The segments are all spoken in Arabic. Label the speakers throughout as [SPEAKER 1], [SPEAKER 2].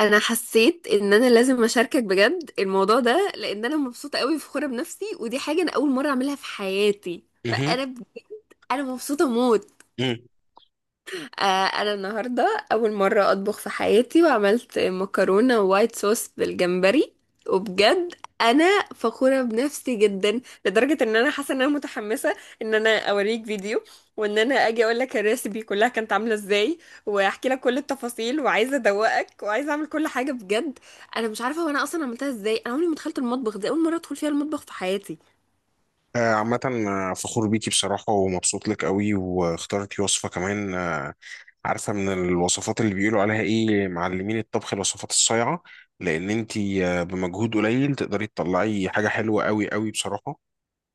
[SPEAKER 1] انا حسيت ان انا لازم اشاركك بجد الموضوع ده لان انا مبسوطه قوي فخوره بنفسي، ودي حاجه انا اول مره اعملها في حياتي.
[SPEAKER 2] مهم.
[SPEAKER 1] فانا بجد انا مبسوطه موت.
[SPEAKER 2] مم.
[SPEAKER 1] انا النهارده اول مره اطبخ في حياتي، وعملت مكرونه وايت صوص بالجمبري، وبجد انا فخوره بنفسي جدا، لدرجه ان انا حاسه ان انا متحمسه ان انا اوريك فيديو، وان انا اجي اقول لك الريسبي كلها كانت عامله ازاي، واحكي لك كل التفاصيل، وعايزه ادوقك وعايزه اعمل كل حاجه بجد. انا مش عارفه وانا اصلا عملتها ازاي، انا عمري ما دخلت المطبخ، دي اول مره ادخل فيها المطبخ في حياتي.
[SPEAKER 2] عامة، فخور بيكي بصراحة ومبسوط لك قوي، واخترتي وصفة كمان. عارفة من الوصفات اللي بيقولوا عليها ايه معلمين الطبخ؟ الوصفات الصايعة، لأن انتي بمجهود قليل تقدري تطلعي حاجة حلوة قوي قوي بصراحة.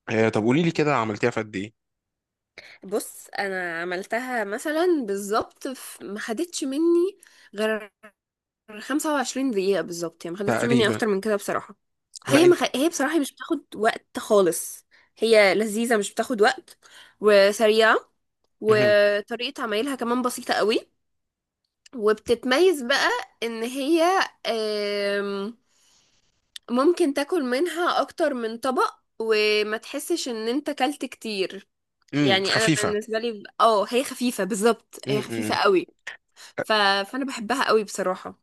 [SPEAKER 2] طب قولي لي كده، عملتيها في قد ايه؟
[SPEAKER 1] بص، انا عملتها مثلا بالظبط، ما خدتش مني غير 25 دقيقة بالظبط، يعني ما خدتش مني
[SPEAKER 2] تقريبا.
[SPEAKER 1] أكتر من كده بصراحة.
[SPEAKER 2] لا انت.
[SPEAKER 1] هي بصراحة مش بتاخد وقت خالص، هي لذيذة، مش بتاخد وقت وسريعة،
[SPEAKER 2] مهم.
[SPEAKER 1] وطريقة عمايلها كمان بسيطة قوي. وبتتميز بقى إن هي آم، ممكن تاكل منها أكتر من طبق وما تحسش إن أنت كلت كتير.
[SPEAKER 2] مم.
[SPEAKER 1] يعني أنا
[SPEAKER 2] خفيفة.
[SPEAKER 1] بالنسبة لي هي خفيفة بالظبط، هي
[SPEAKER 2] مم.
[SPEAKER 1] خفيفة
[SPEAKER 2] مم.
[SPEAKER 1] قوي. فأنا بحبها قوي بصراحة.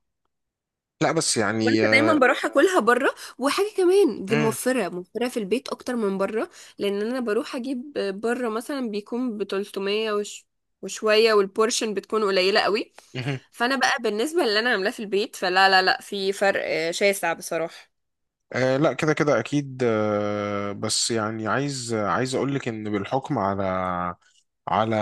[SPEAKER 2] لا، بس يعني
[SPEAKER 1] كنت دايما بروح اكلها بره، وحاجه كمان دي
[SPEAKER 2] مم.
[SPEAKER 1] موفره موفره في البيت اكتر من بره، لان انا بروح اجيب بره مثلا بيكون ب 300 وشويه، والبورشن بتكون قليله قوي.
[SPEAKER 2] مهم.
[SPEAKER 1] فانا بقى بالنسبه للي انا عاملاه في البيت، فلا لا لا في فرق شاسع بصراحه.
[SPEAKER 2] آه، لا كده كده اكيد. بس يعني عايز اقول لك ان بالحكم على، على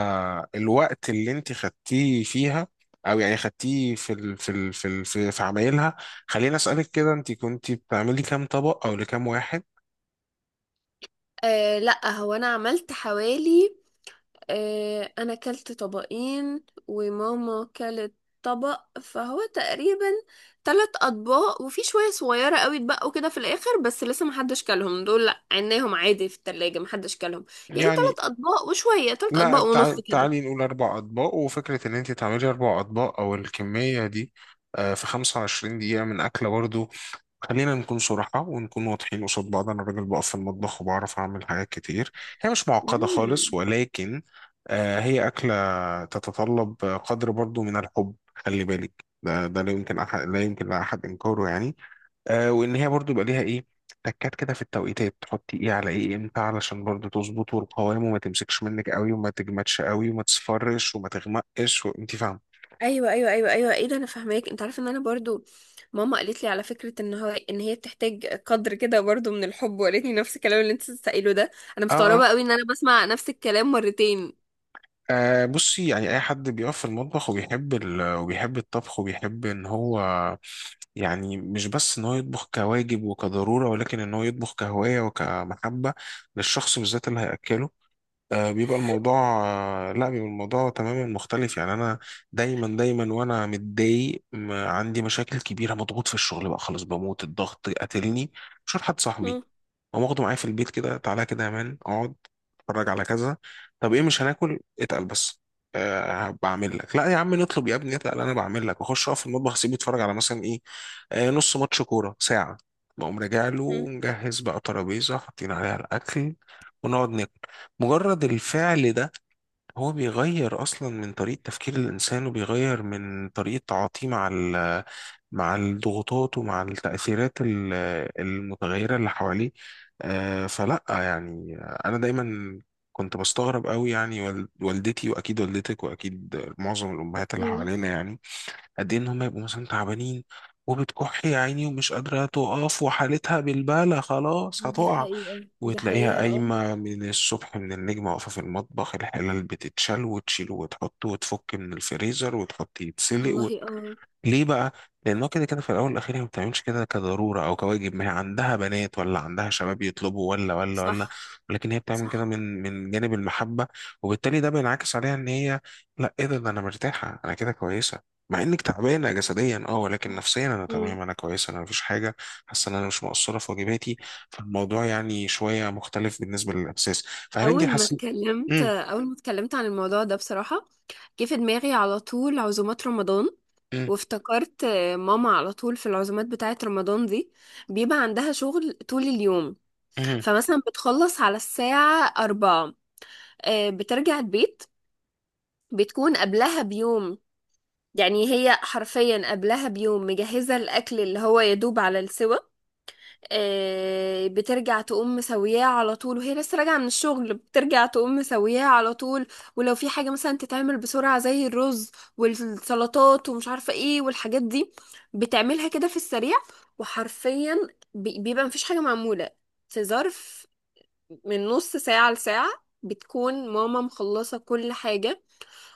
[SPEAKER 2] الوقت اللي انت خدتيه فيها، او يعني خدتيه في عمايلها. خليني اسالك كده، انت كنت بتعملي كام طبق او لكام واحد؟
[SPEAKER 1] أه لا، هو انا عملت حوالي، انا كلت طبقين وماما كلت طبق، فهو تقريبا ثلاث اطباق وفي شويه صغيره قوي اتبقوا كده في الاخر، بس لسه محدش كلهم، دول لا عيناهم عادي في التلاجة محدش كلهم، يعني
[SPEAKER 2] يعني
[SPEAKER 1] ثلاث اطباق وشويه، ثلاث
[SPEAKER 2] لا،
[SPEAKER 1] اطباق ونص
[SPEAKER 2] تعالي,
[SPEAKER 1] كده.
[SPEAKER 2] تعالي نقول 4 اطباق، وفكره ان انت تعملي 4 اطباق او الكميه دي في 25 دقيقه من اكله برضو. خلينا نكون صراحة ونكون واضحين قصاد بعض، أنا راجل بقف في المطبخ وبعرف أعمل حاجات كتير. هي مش معقدة خالص،
[SPEAKER 1] امم.
[SPEAKER 2] ولكن هي أكلة تتطلب قدر برضو من الحب، خلي بالك ده، لا يمكن أحد، لا يمكن لأحد إنكاره يعني. وإن هي برضو يبقى ليها إيه، تكات كده في التوقيتات، تحطي إيه على إيه إمتى علشان برضو تظبط، والقوام وما تمسكش منك قوي، وما تجمدش قوي، وما تصفرش، وما تغمقش، وأنت فاهمة.
[SPEAKER 1] ايوه، ايوه، ايوه، ايوه، ايه ده، انا فاهماك، انت عارفه ان انا برضو ماما قالت لي على فكره ان هو ان هي بتحتاج قدر كده برضو من الحب، وقالت لي نفس الكلام اللي انت بتسأله ده، انا
[SPEAKER 2] اه،
[SPEAKER 1] مستغربه
[SPEAKER 2] آه.
[SPEAKER 1] قوي ان انا بسمع نفس الكلام مرتين.
[SPEAKER 2] أه، بصي يعني، أي حد بيقف في المطبخ وبيحب وبيحب الطبخ وبيحب إن هو، يعني مش بس إن هو يطبخ كواجب وكضرورة، ولكن إن هو يطبخ كهواية وكمحبة للشخص بالذات اللي هيأكله، بيبقى الموضوع، لا، بيبقى الموضوع تماما مختلف. يعني انا دايما دايما وانا متضايق، عندي مشاكل كبيره، مضغوط في الشغل بقى خلاص بموت، الضغط قاتلني، مش حد صاحبي قام واخده معايا في البيت كده، تعالى كده يا مان اقعد اتفرج على كذا. طب ايه، مش هناكل اتقل بس؟ أه بعمل لك، لا يا عم نطلب يا ابني اتقل، انا بعمل لك واخش اقف في المطبخ، اسيبه يتفرج على مثلا ايه، أه نص ماتش كوره، ساعه، بقوم راجع له
[SPEAKER 1] مم.
[SPEAKER 2] مجهز بقى ترابيزه حاطين عليها الاكل، ونقعد ناكل. مجرد الفعل ده هو بيغير اصلا من طريقة تفكير الانسان، وبيغير من طريقة تعاطيه مع مع الضغوطات، ومع التأثيرات المتغيرة اللي حواليه. فلا يعني، انا دايما كنت بستغرب قوي يعني، والدتي واكيد والدتك واكيد معظم الامهات اللي
[SPEAKER 1] مم.
[SPEAKER 2] حوالينا يعني، قد ايه ان هم يبقوا مثلا تعبانين وبتكح يا عيني، ومش قادره تقف وحالتها بالبالة خلاص
[SPEAKER 1] دي
[SPEAKER 2] هتقع،
[SPEAKER 1] حقيقة، دي
[SPEAKER 2] وتلاقيها
[SPEAKER 1] حقيقة، اه.
[SPEAKER 2] قايمة من الصبح من النجمة، واقفة في المطبخ، الحلال بتتشال وتشيل وتحط، وتفك من الفريزر وتحط
[SPEAKER 1] والله
[SPEAKER 2] يتسلق.
[SPEAKER 1] اه.
[SPEAKER 2] ليه بقى؟ لأنه كده كده في الأول والأخير هي ما بتعملش كده كضرورة أو كواجب، ما هي عندها بنات ولا عندها شباب يطلبوا، ولا ولا ولا،
[SPEAKER 1] صح.
[SPEAKER 2] ولكن هي بتعمل كده
[SPEAKER 1] صح.
[SPEAKER 2] من جانب المحبة، وبالتالي ده بينعكس عليها إن هي، لا إيه ده، أنا مرتاحة، أنا كده كويسة، مع إنك تعبانة جسديا أه، ولكن نفسيا أنا
[SPEAKER 1] مم.
[SPEAKER 2] تمام، أنا كويسة، أنا مفيش حاجة، حاسة إن أنا مش مقصرة في واجباتي. فالموضوع يعني شوية مختلف بالنسبة للإحساس. فهل أنت حاسة؟ مم،
[SPEAKER 1] أول ما اتكلمت عن الموضوع ده بصراحة، جه في دماغي على طول عزومات رمضان،
[SPEAKER 2] مم،
[SPEAKER 1] وافتكرت ماما على طول في العزومات بتاعة رمضان دي بيبقى عندها شغل طول اليوم.
[SPEAKER 2] مم،
[SPEAKER 1] فمثلا بتخلص على الساعة أربعة، بترجع البيت، بتكون قبلها بيوم، يعني هي حرفيا قبلها بيوم مجهزة الأكل اللي هو يدوب على السوا. بترجع تقوم مسوياه على طول وهي لسه راجعة من الشغل، بترجع تقوم مسوياه على طول. ولو في حاجة مثلا تتعمل بسرعة زي الرز والسلطات ومش عارفة ايه والحاجات دي، بتعملها كده في السريع. وحرفيا بيبقى مفيش حاجة معمولة في ظرف من نص ساعة لساعة، بتكون ماما مخلصة كل حاجة،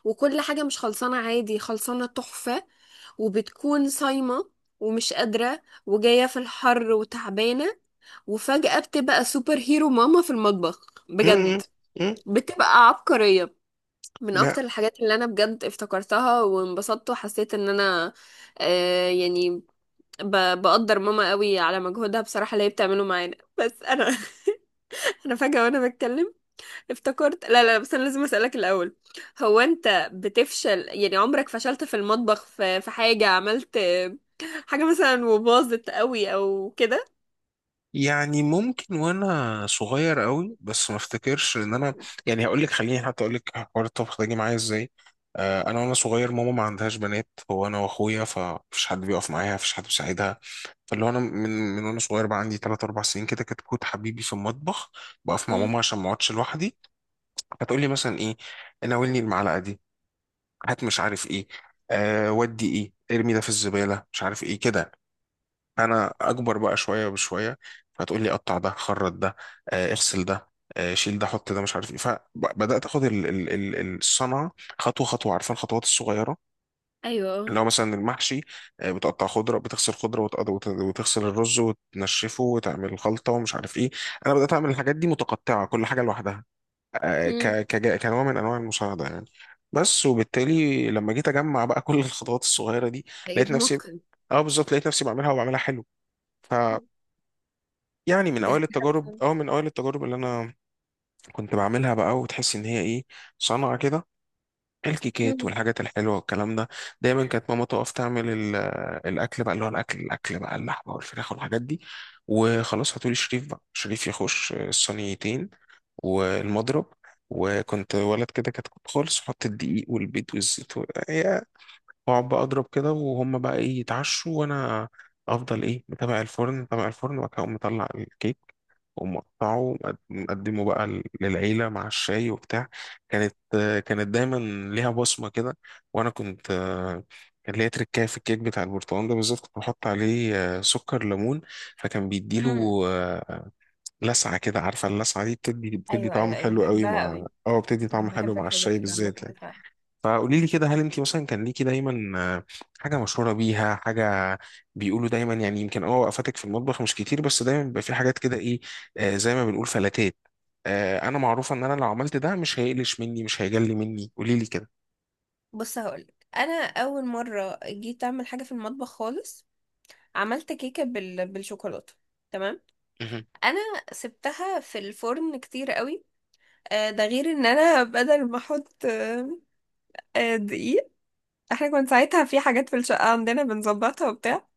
[SPEAKER 1] وكل حاجة مش خلصانة عادي، خلصانة تحفة. وبتكون صايمة ومش قادرة وجاية في الحر وتعبانة، وفجأة بتبقى سوبر هيرو ماما في المطبخ
[SPEAKER 2] مم، مم،
[SPEAKER 1] بجد،
[SPEAKER 2] مم.
[SPEAKER 1] بتبقى عبقرية. من
[SPEAKER 2] لا
[SPEAKER 1] اكتر الحاجات اللي انا بجد افتكرتها وانبسطت وحسيت ان انا، يعني بقدر ماما قوي على مجهودها بصراحة اللي هي بتعمله معانا بس انا انا فجأة وانا بتكلم افتكرت، لا لا بس انا لازم اسالك الاول. هو انت بتفشل؟ يعني عمرك فشلت في المطبخ في حاجه، عملت حاجه مثلا وباظت قوي او كده؟
[SPEAKER 2] يعني ممكن وانا صغير قوي، بس ما افتكرش ان انا، يعني هقول لك، خليني حتى اقول لك حوار الطبخ ده جه معايا ازاي. انا وانا صغير، ماما ما عندهاش بنات، هو انا واخويا، فمفيش حد بيقف معايا، مفيش حد بيساعدها، فاللي هو انا من وانا صغير بقى عندي 3 4 سنين كده، كنت حبيبي في المطبخ، بقف مع
[SPEAKER 1] مم.
[SPEAKER 2] ماما عشان ما اقعدش لوحدي. هتقول لي مثلا ايه، ناولني المعلقه دي، هات مش عارف ايه، أه ودي ايه ارمي ده في الزباله مش عارف ايه كده. انا اكبر بقى شويه بشويه، فهتقول لي قطع ده، خرط ده، اغسل ده، شيل ده حط ده مش عارف ايه، فبدات اخد الصنعه خطوه خطوه، عارفه الخطوات الصغيره
[SPEAKER 1] ايوه.
[SPEAKER 2] اللي هو مثلا المحشي، بتقطع خضره بتغسل خضره وتغسل الرز وتنشفه وتعمل خلطه ومش عارف ايه. انا بدات اعمل الحاجات دي متقطعه كل حاجه لوحدها،
[SPEAKER 1] امم.
[SPEAKER 2] كنوع من انواع المساعده يعني، بس. وبالتالي لما جيت اجمع بقى كل الخطوات الصغيره دي
[SPEAKER 1] ده
[SPEAKER 2] لقيت
[SPEAKER 1] عيد
[SPEAKER 2] نفسي،
[SPEAKER 1] متقن.
[SPEAKER 2] اه بالظبط لقيت نفسي بعملها، وبعملها حلو. يعني من
[SPEAKER 1] دي
[SPEAKER 2] اوائل
[SPEAKER 1] حاجه حلوة
[SPEAKER 2] التجارب،
[SPEAKER 1] فعلا.
[SPEAKER 2] او من اوائل التجارب اللي انا كنت بعملها بقى، وتحس ان هي ايه، صنعه كده. الكيكات
[SPEAKER 1] مم.
[SPEAKER 2] والحاجات الحلوه والكلام ده، دايما كانت ماما تقف تعمل الاكل بقى، اللي هو الاكل، بقى اللحمه والفراخ والحاجات دي، وخلاص هاتولي شريف، بقى شريف يخش الصينيتين والمضرب، وكنت ولد كده كتكوت خالص، احط الدقيق والبيض والزيت و- إيه، واقعد بقى اضرب كده، وهم بقى ايه يتعشوا، وانا افضل ايه متابع الفرن، متابع الفرن، وبعد كده أقوم مطلع الكيك ومقطعه، مقدمه بقى للعيلة مع الشاي وبتاع. كانت، كانت دايما ليها بصمة كده، وأنا كنت، كان ليا تركاية في الكيك بتاع البرتقال ده بالذات، كنت بحط عليه سكر ليمون، فكان
[SPEAKER 1] مم.
[SPEAKER 2] بيديله لسعة كده، عارفة اللسعة دي بتدي،
[SPEAKER 1] ايوه،
[SPEAKER 2] طعم
[SPEAKER 1] ايوه، ايوه،
[SPEAKER 2] حلو قوي
[SPEAKER 1] بحبها
[SPEAKER 2] مع
[SPEAKER 1] قوي،
[SPEAKER 2] بتدي طعم
[SPEAKER 1] انا
[SPEAKER 2] حلو
[SPEAKER 1] بحب
[SPEAKER 2] مع الشاي
[SPEAKER 1] الحاجات اللي عامله
[SPEAKER 2] بالذات
[SPEAKER 1] كده
[SPEAKER 2] يعني.
[SPEAKER 1] فعلا.
[SPEAKER 2] فقولي لي كده، هل انت مثلا كان ليكي دايما حاجه مشهوره بيها، حاجه بيقولوا دايما يعني، يمكن وقفاتك في المطبخ مش كتير، بس دايما بيبقى في حاجات كده ايه، زي ما بنقول فلاتات، انا معروفه ان انا لو عملت ده مش هيقلش مني، مش هيجلي مني، قولي لي كده.
[SPEAKER 1] بص هقولك، انا اول مره جيت اعمل حاجه في المطبخ خالص، عملت كيكه بالشوكولاته، تمام.
[SPEAKER 2] مهم.
[SPEAKER 1] انا سبتها في الفرن كتير قوي، ده غير ان انا بدل ما احط دقيق. احنا كنا ساعتها في حاجات في الشقه عندنا بنظبطها وبتاع،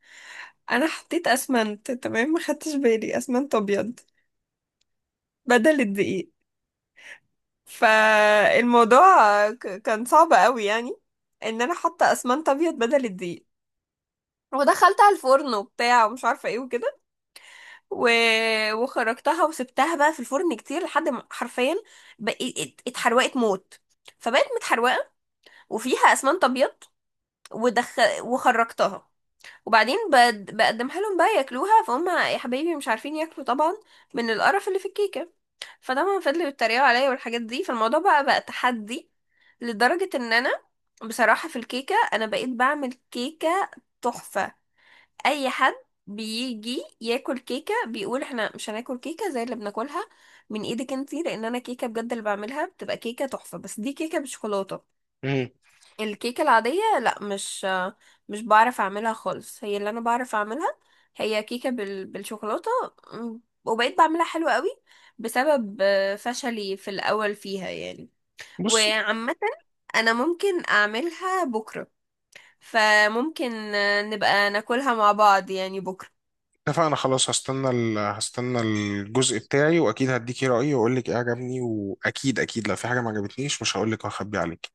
[SPEAKER 1] انا حطيت اسمنت، تمام، ما خدتش بالي اسمنت ابيض بدل الدقيق. فالموضوع كان صعب قوي يعني، ان انا حاطه اسمنت ابيض بدل الدقيق، ودخلتها الفرن وبتاع ومش عارفه ايه وكده، و... وخرجتها، وسبتها بقى في الفرن كتير لحد ما حرفيا بقيت اتحروقت موت، فبقت متحروقه وفيها اسمنت ابيض، ودخ... وخرجتها، وبعدين بقدمها لهم بقى ياكلوها، فهم يا حبايبي مش عارفين ياكلوا طبعا من القرف اللي في الكيكه. فطبعا فضلوا يتريقوا عليا والحاجات دي، فالموضوع بقى تحدي، لدرجه ان انا بصراحه في الكيكه انا بقيت بعمل كيكه تحفه. اي حد بيجي ياكل كيكه بيقول احنا مش هناكل كيكه زي اللي بناكلها من ايدك انتي، لان انا كيكه بجد اللي بعملها بتبقى كيكه تحفه، بس دي كيكه بالشوكولاته.
[SPEAKER 2] مهم.
[SPEAKER 1] الكيكه العاديه لا، مش بعرف اعملها خالص، هي اللي انا بعرف اعملها هي كيكه بالشوكولاته. وبقيت بعملها حلو قوي بسبب فشلي في الاول فيها يعني.
[SPEAKER 2] بص،
[SPEAKER 1] وعامه انا ممكن اعملها بكره، فممكن نبقى ناكلها مع بعض يعني بكره.
[SPEAKER 2] اتفقنا خلاص، هستنى هستنى الجزء بتاعي، واكيد هديكي رايي واقول لك ايه عجبني، واكيد اكيد لو في حاجه ما عجبتنيش مش هقول لك واخبي عليك.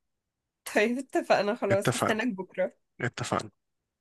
[SPEAKER 1] طيب اتفقنا خلاص،
[SPEAKER 2] اتفقنا.
[SPEAKER 1] هستناك بكرة.
[SPEAKER 2] اتفقنا.